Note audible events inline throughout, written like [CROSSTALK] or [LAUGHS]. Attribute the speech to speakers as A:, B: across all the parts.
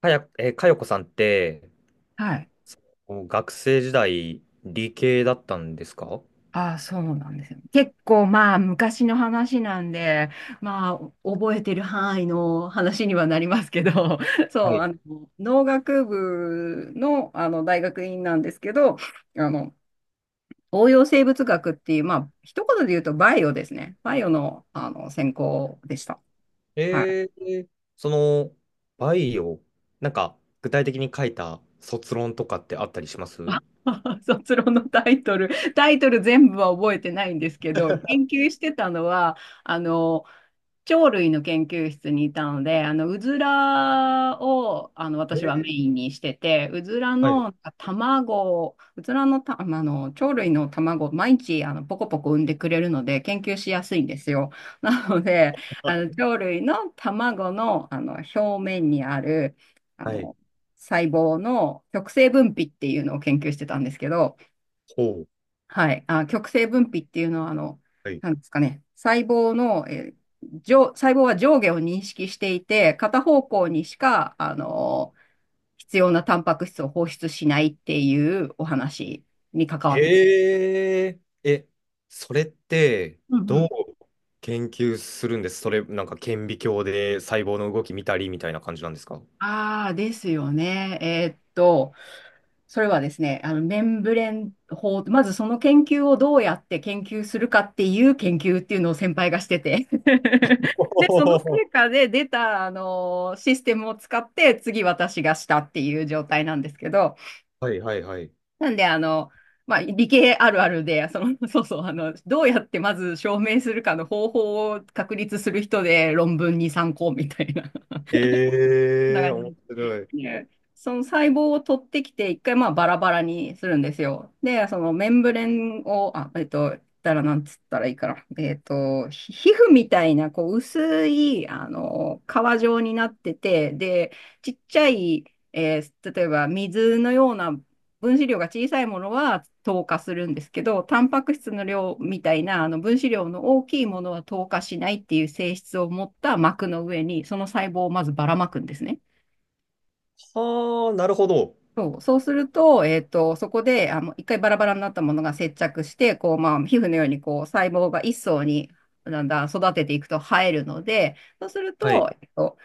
A: かや、かよこさんって、
B: はい。
A: そう学生時代、理系だったんですか？
B: ああ、そうなんですよ。結構まあ昔の話なんで、まあ覚えてる範囲の話にはなりますけど、[LAUGHS]
A: は
B: そう、
A: い。
B: 農学部の、大学院なんですけど、あの、応用生物学っていう、まあ一言で言うとバイオですね。バイオの、専攻でした。はい。
A: えー、その、バイオ、なんか、具体的に書いた卒論とかってあったりしま
B: あ、
A: す？
B: [LAUGHS] 卒論のタイトル、タイトル全部は覚えてないんですけど、研究してたのは、あの、鳥類の研究室にいたので、うずらを、
A: え
B: 私はメ
A: ー、
B: インにしてて、うずら
A: はい。
B: の卵、うずらのた、あの、鳥類の卵、毎日、ポコポコ産んでくれるので、研究しやすいんですよ。なので、鳥類の卵の、表面にある、あ
A: はい。
B: の、細胞の極性分泌っていうのを研究してたんですけど、
A: ほう。
B: はい。あ、極性分泌っていうのは、
A: はい。
B: なんですかね、細胞の、上、細胞は上下を認識していて、片方向にしか、必要なタンパク質を放出しないっていうお話に関わってくる。
A: へえ。え、それって、
B: うんう
A: どう
B: ん。
A: 研究するんです？それ、なんか顕微鏡で細胞の動き見たりみたいな感じなんですか？
B: ああ、ですよね。それはですね、メンブレン法、まずその研究をどうやって研究するかっていう研究っていうのを先輩がしてて、 [LAUGHS] で、その成
A: おー。
B: 果で出た、システムを使って次私がしたっていう状態なんですけど、
A: [LAUGHS] はいはいはい。
B: なんで、まあ、理系あるあるで、[LAUGHS] そうそう、どうやってまず証明するかの方法を確立する人で論文に参考みたいな、[LAUGHS] そんな
A: ええ、
B: 感じ
A: 面
B: で。
A: 白い。
B: で、その細胞を取ってきて、一回まあバラバラにするんですよ。で、そのメンブレンを、あ、言ったらなんつったらいいかな。皮膚みたいな、こう、薄い、皮状になってて、で、ちっちゃい、例えば水のような分子量が小さいものは糖化するんですけど、タンパク質の量みたいな分子量の大きいものは糖化しないっていう性質を持った膜の上に、その細胞をまずばらまくんですね。
A: はあ、なるほど。
B: そうすると、そこで、一回バラバラになったものが接着して、こう、まあ、皮膚のように、こう、細胞が一層にだんだん育てていくと生えるので、そうする
A: はい。
B: と、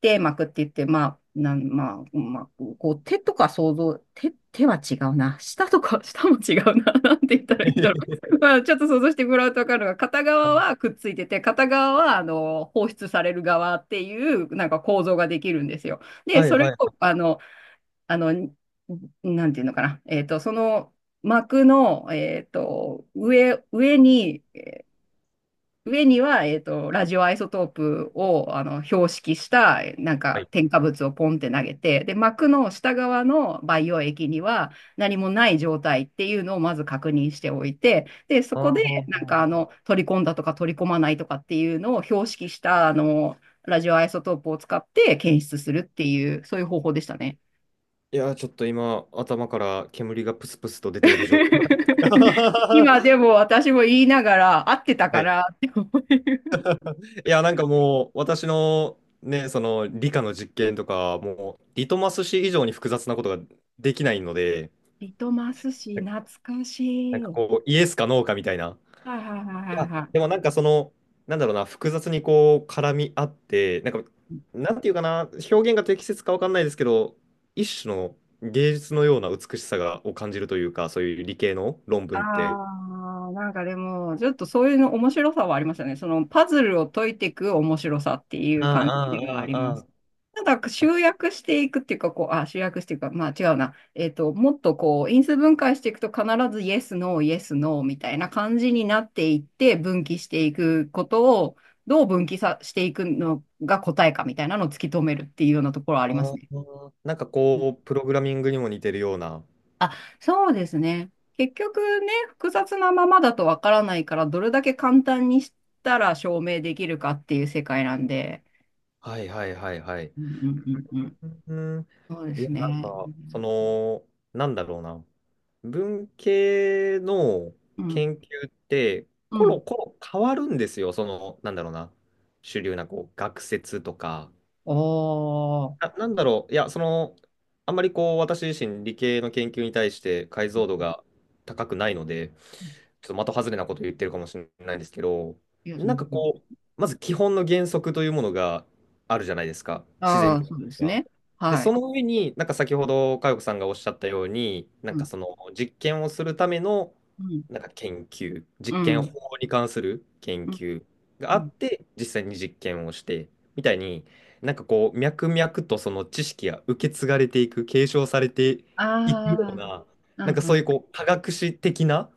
B: 手膜って言って、まあ、なん、まあ、まあ、こう、手とか想像、手は違うな。舌とか、[LAUGHS] 舌も違うな。[LAUGHS] なんて言ったらいいんだろう。[LAUGHS]
A: [LAUGHS]
B: まあ、ちょっと想像してもらうとわかるのが、片側は
A: あ、
B: くっついてて、片側は、放出される側っていう、なんか構造ができるんですよ。で、
A: はい
B: それ
A: は
B: を、
A: い
B: あの、なんていうのかな。その膜の、上には、ラジオアイソトープを、標識した、なん
A: は
B: か、
A: い。
B: 添加物をポンって投げて、で、膜の下側の培養液には何もない状態っていうのをまず確認しておいて、で、そ
A: あ
B: こで、なんか、
A: ー、
B: 取り込んだとか取り込まないとかっていうのを標識した、ラジオアイソトープを使って検出するっていう、そういう方法でしたね。
A: いやー、ちょっと今、頭から煙がプスプスと出ている状態。[LAUGHS]
B: [LAUGHS]
A: は
B: 今でも私も言いながら、合ってたか
A: い。
B: なって思う。
A: いや、なんかもう、私のね、その理科の実験とか、もう、リトマス紙以上に複雑なことができないので、
B: リトマス紙、
A: な、
B: 懐かし
A: なん
B: い。
A: か
B: はい
A: こう、イエスかノーかみたいな。
B: はいはいはい
A: や、
B: は
A: で
B: い。
A: もなんかその、なんだろうな、複雑にこう絡み合って、なんていうかな、表現が適切かわかんないですけど、一種の芸術のような美しさがを感じるというか、そういう理系の論文って。
B: ああ、なんかでも、ちょっとそういうの面白さはありましたね。そのパズルを解いていく面白さってい
A: あ
B: う感じ
A: あ、
B: ではあり
A: あ
B: ま
A: あ、
B: す。
A: あ
B: なんか集約していくっていうか、こう、あ、集約していくか、まあ違うな。もっとこう、因数分解していくと必ずイエス、ノー、イエス、ノーみたいな感じになっていって分岐していくことを、どう分岐さしていくのが答えかみたいなのを突き止めるっていうようなところはありま
A: あ、
B: す
A: あ
B: ね。
A: あ。なんかこう、プログラミングにも似てるような。
B: あ、そうですね。結局ね、複雑なままだとわからないから、どれだけ簡単にしたら証明できるかっていう世界なんで。
A: はいはいはいはい。
B: うんうんうんうん。
A: うん、
B: そうで
A: いや、
B: す
A: なん
B: ね。
A: か、その、なんだろうな。文系の
B: うん。
A: 研究って
B: う
A: コロ
B: ん。
A: コロ変わるんですよ。その、なんだろうな。主流なこう学説とか、
B: あ
A: あ、
B: あ、
A: なんだろう。いや、その、あんまりこう、私自身理系の研究に対して解像度が高くないので、ちょっと的外れなこと言ってるかもしれないんですけど、
B: いや、そ
A: なん
B: の、
A: かこう、まず基本の原則というものがあるじゃないですか、自
B: あ
A: 然
B: あー、そうです
A: が。
B: ね。
A: で、
B: は
A: そ
B: い。
A: の上に、なんか先ほど佳代子さんがおっしゃったように、なん
B: うん、
A: かその実験をするための、
B: うん、
A: なんか研究、
B: う
A: 実験法
B: ん、
A: に関する研
B: うん。
A: 究があ
B: う
A: っ
B: ん、
A: て、実際に実験をして、みたいに、なんかこう、脈々とその知識が受け継がれていく、継承されていくよう
B: ああ、
A: な、
B: う
A: なん
B: ん
A: か
B: う
A: そういう
B: ん。
A: こう、科学史的な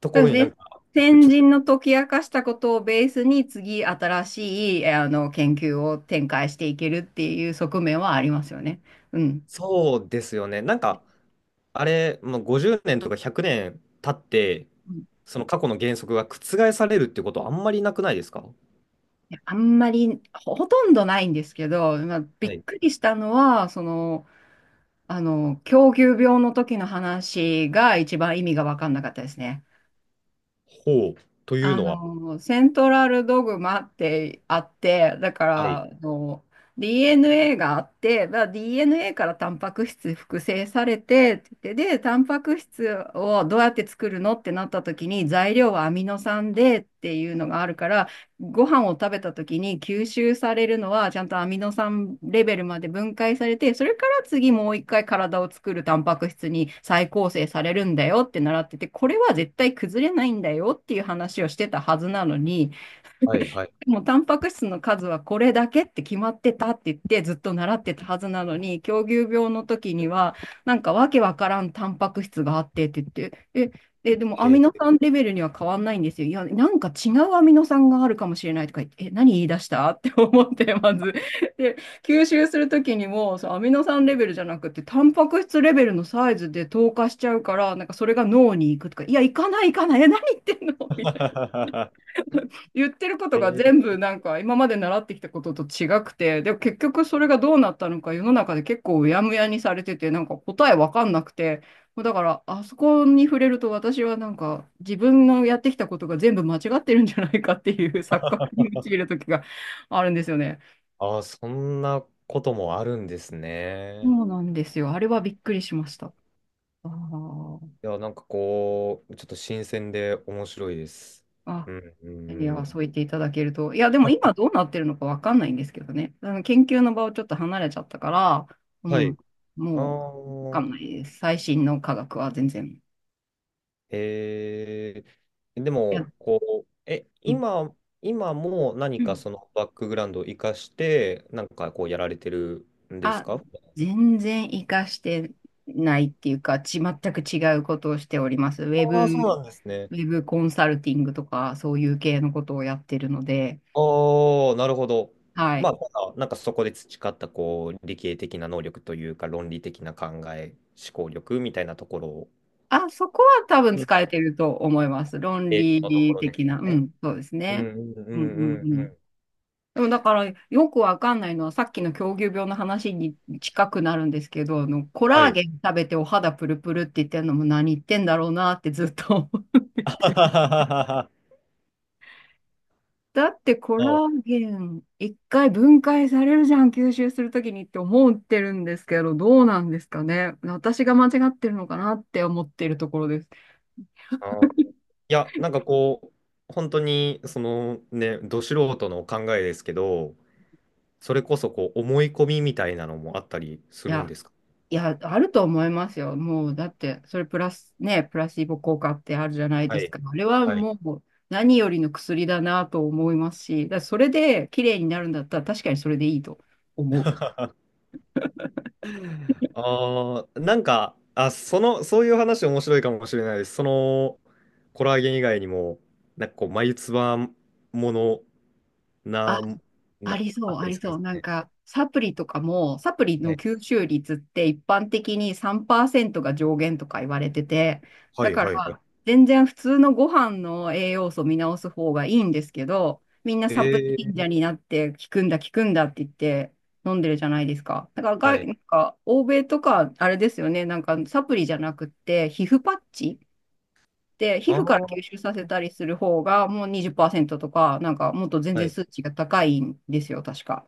A: と
B: そう
A: こ
B: で
A: ろ
B: す
A: になん
B: ね。
A: か僕
B: 先
A: ちょっ
B: 人
A: と、
B: の解き明かしたことをベースに次新しい、研究を展開していけるっていう側面はありますよね。うん。
A: そうですよね。なんか、あれ、まあ、50年とか100年経って、
B: うん。
A: その過去の原則が覆されるってことはあんまりなくないですか？
B: あんまり、ほとんどないんですけど、まあ、び
A: は
B: っ
A: い。
B: くりしたのは、狂牛病の時の話が一番意味が分かんなかったですね。
A: ほう。というのは、
B: セントラルドグマってあって、だか
A: はい、
B: ら、DNA があって、DNA からタンパク質複製されてって言って、で、タンパク質をどうやって作るのってなった時に、材料はアミノ酸でっていうのがあるから、ご飯を食べた時に吸収されるのは、ちゃんとアミノ酸レベルまで分解されて、それから次もう一回体を作るタンパク質に再構成されるんだよって習ってて、これは絶対崩れないんだよっていう話をしてたはずなのに、
A: はい、はい。
B: でもタンパク質の数はこれだけって決まってたって言ってずっと習ってたはずなのに、狂牛病の時には、なんかわけわからんタンパク質があってって言って、え、え、でもアミ
A: へ
B: ノ
A: え。
B: 酸レベルには変わんないんですよ。いや、なんか違うアミノ酸があるかもしれないとか言って、え、何言い出したって思って、まず。で、吸収する時にも、そう、アミノ酸レベルじゃなくて、タンパク質レベルのサイズで透過しちゃうから、なんかそれが脳に行くとか、いや、行かない行かない、え、何言ってんのみたい、
A: [LAUGHS]
B: 言ってること
A: へ
B: が
A: え。
B: 全部なんか今まで習ってきたことと違くて、でも結局それがどうなったのか世の中で結構うやむやにされてて、なんか答えわかんなくて、もうだからあそこに触れると私はなんか自分のやってきたことが全部間違ってるんじゃないかっていう [LAUGHS] 錯覚に陥る時があるんですよね。
A: ああ、そんなこともあるんです
B: そ
A: ね。
B: うなんですよ。あれはびっくりしました。あー
A: いや、なんかこう、ちょっと新鮮で面白いです。
B: あ
A: うん、うん、
B: い
A: う
B: や、そう
A: ん。
B: 言っていただけると。いや、でも今どうなってるのかわかんないんですけどね。あの研究の場をちょっと離れちゃったから、う
A: はい。
B: ん、
A: あ
B: もうわか
A: あ、
B: んないです。最新の科学は全然。
A: えー、で
B: いや、
A: も、こう、え、
B: うん。
A: 今、今も何
B: う
A: か
B: ん
A: そのバックグラウンドを生かして、なんかこうやられてるんです
B: あ、
A: か？
B: 全然活かしてないっていうか、全く違うことをしております。
A: ああ、そうなんですね。
B: ウェブコンサルティングとか、そういう系のことをやってるので、
A: ああ、なるほど。
B: は
A: ま
B: い。
A: あ、ただなんかそこで培ったこう理系的な能力というか、論理的な考え、思考力みたいなところを、
B: あ、そこは多分
A: うん、
B: 使えてると思います。論
A: えーのとこ
B: 理
A: ろです
B: 的な。
A: よ
B: う
A: ね。
B: ん、そうです
A: うん
B: ね。
A: うんう
B: うん
A: んうん
B: う
A: う
B: ん。
A: ん。
B: でもだからよくわかんないのはさっきの狂牛病の話に近くなるんですけど、コ
A: は
B: ラー
A: い。
B: ゲン食べてお肌プルプルって言ってるのも何言ってんだろうなってずっと。 [LAUGHS]
A: [LAUGHS] あはははは、
B: だってコラーゲン一回分解されるじゃん、吸収するときにって思ってるんですけど、どうなんですかね。私が間違ってるのかなって思ってるところです。
A: あ、いや、なんかこう、本当に、そのね、ど素人の考えですけど、それこそこう、思い込みみたいなのもあったりす
B: い
A: るん
B: や、
A: ですか？
B: いや、あると思いますよ。もう、だって、それプラス、ね、プラシーボ効果ってあるじゃない
A: は
B: です
A: い。
B: か。あれは
A: はい。
B: もう、何よりの薬だなと思いますし、だからそれで綺麗になるんだったら、確かにそれでいいと思う。
A: [LAUGHS] ああ、なんか、あ、その、そういう話面白いかもしれないです。その、コラーゲン以外にも、なんかこう、眉唾ものな、
B: ああ
A: な、
B: りそ
A: あ
B: う、
A: った
B: あ
A: り
B: り
A: するんで
B: そう。
A: すか
B: なん
A: ね。
B: か、サプリとかも、サプリの吸収率って一般的に3%が上限とか言われてて、
A: は
B: だ
A: い。
B: か
A: はい。はい。はい。
B: ら、全然普通のご飯の栄養素見直す方がいいんですけど、みんな
A: え
B: サプリ信
A: ー、
B: 者になって、効くんだ、効くんだって言って飲んでるじゃないですか。だから
A: は
B: 外、
A: い。
B: なんか、欧米とか、あれですよね、なんか、サプリじゃなくって、皮膚パッチで、皮
A: あ
B: 膚から吸
A: あ、
B: 収させたりする方が、もう20%とか、なんか、もっと全
A: は
B: 然
A: い。
B: 数値が高いんですよ、確か。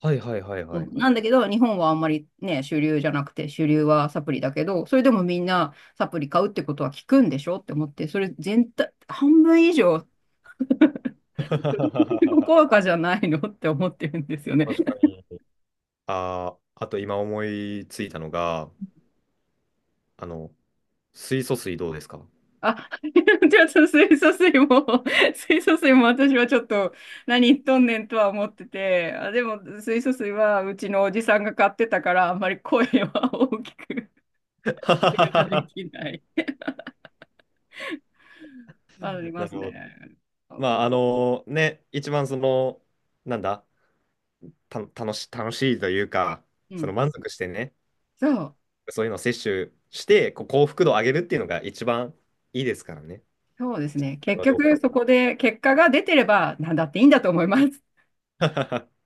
A: はいはいはい
B: そ
A: はい
B: う
A: は
B: な
A: い。
B: んだけど、日本はあんまりね、主流じゃなくて、主流はサプリだけど、それでもみんなサプリ買うってことは効くんでしょって思って、それ全体、半分以上、[LAUGHS]
A: [LAUGHS]
B: 効果じゃないのって思ってるんですよね。
A: 確かに。ああ、あと今思いついたのが、あの、水素水どうですか？
B: あ、[LAUGHS] じゃあ、その水素水も、水素水も私はちょっと何言っとんねんとは思ってて、あ、でも水素水はうちのおじさんが買ってたから、あんまり声は大きくではで
A: [LAUGHS]
B: きない。ありま
A: な
B: す
A: る
B: ね。
A: ほど。まあ、あのね、一番その、なんだ、た、楽し、楽しいというか、
B: う
A: その
B: ん。
A: 満足してね、
B: そう。
A: そういうのを摂取して、こう幸福度を上げるっていうのが一番いいですからね。
B: そうですね。
A: あれ
B: 結
A: はどう
B: 局、
A: か。
B: そこで結果が出てれば何だっていいんだと思います。
A: [LAUGHS]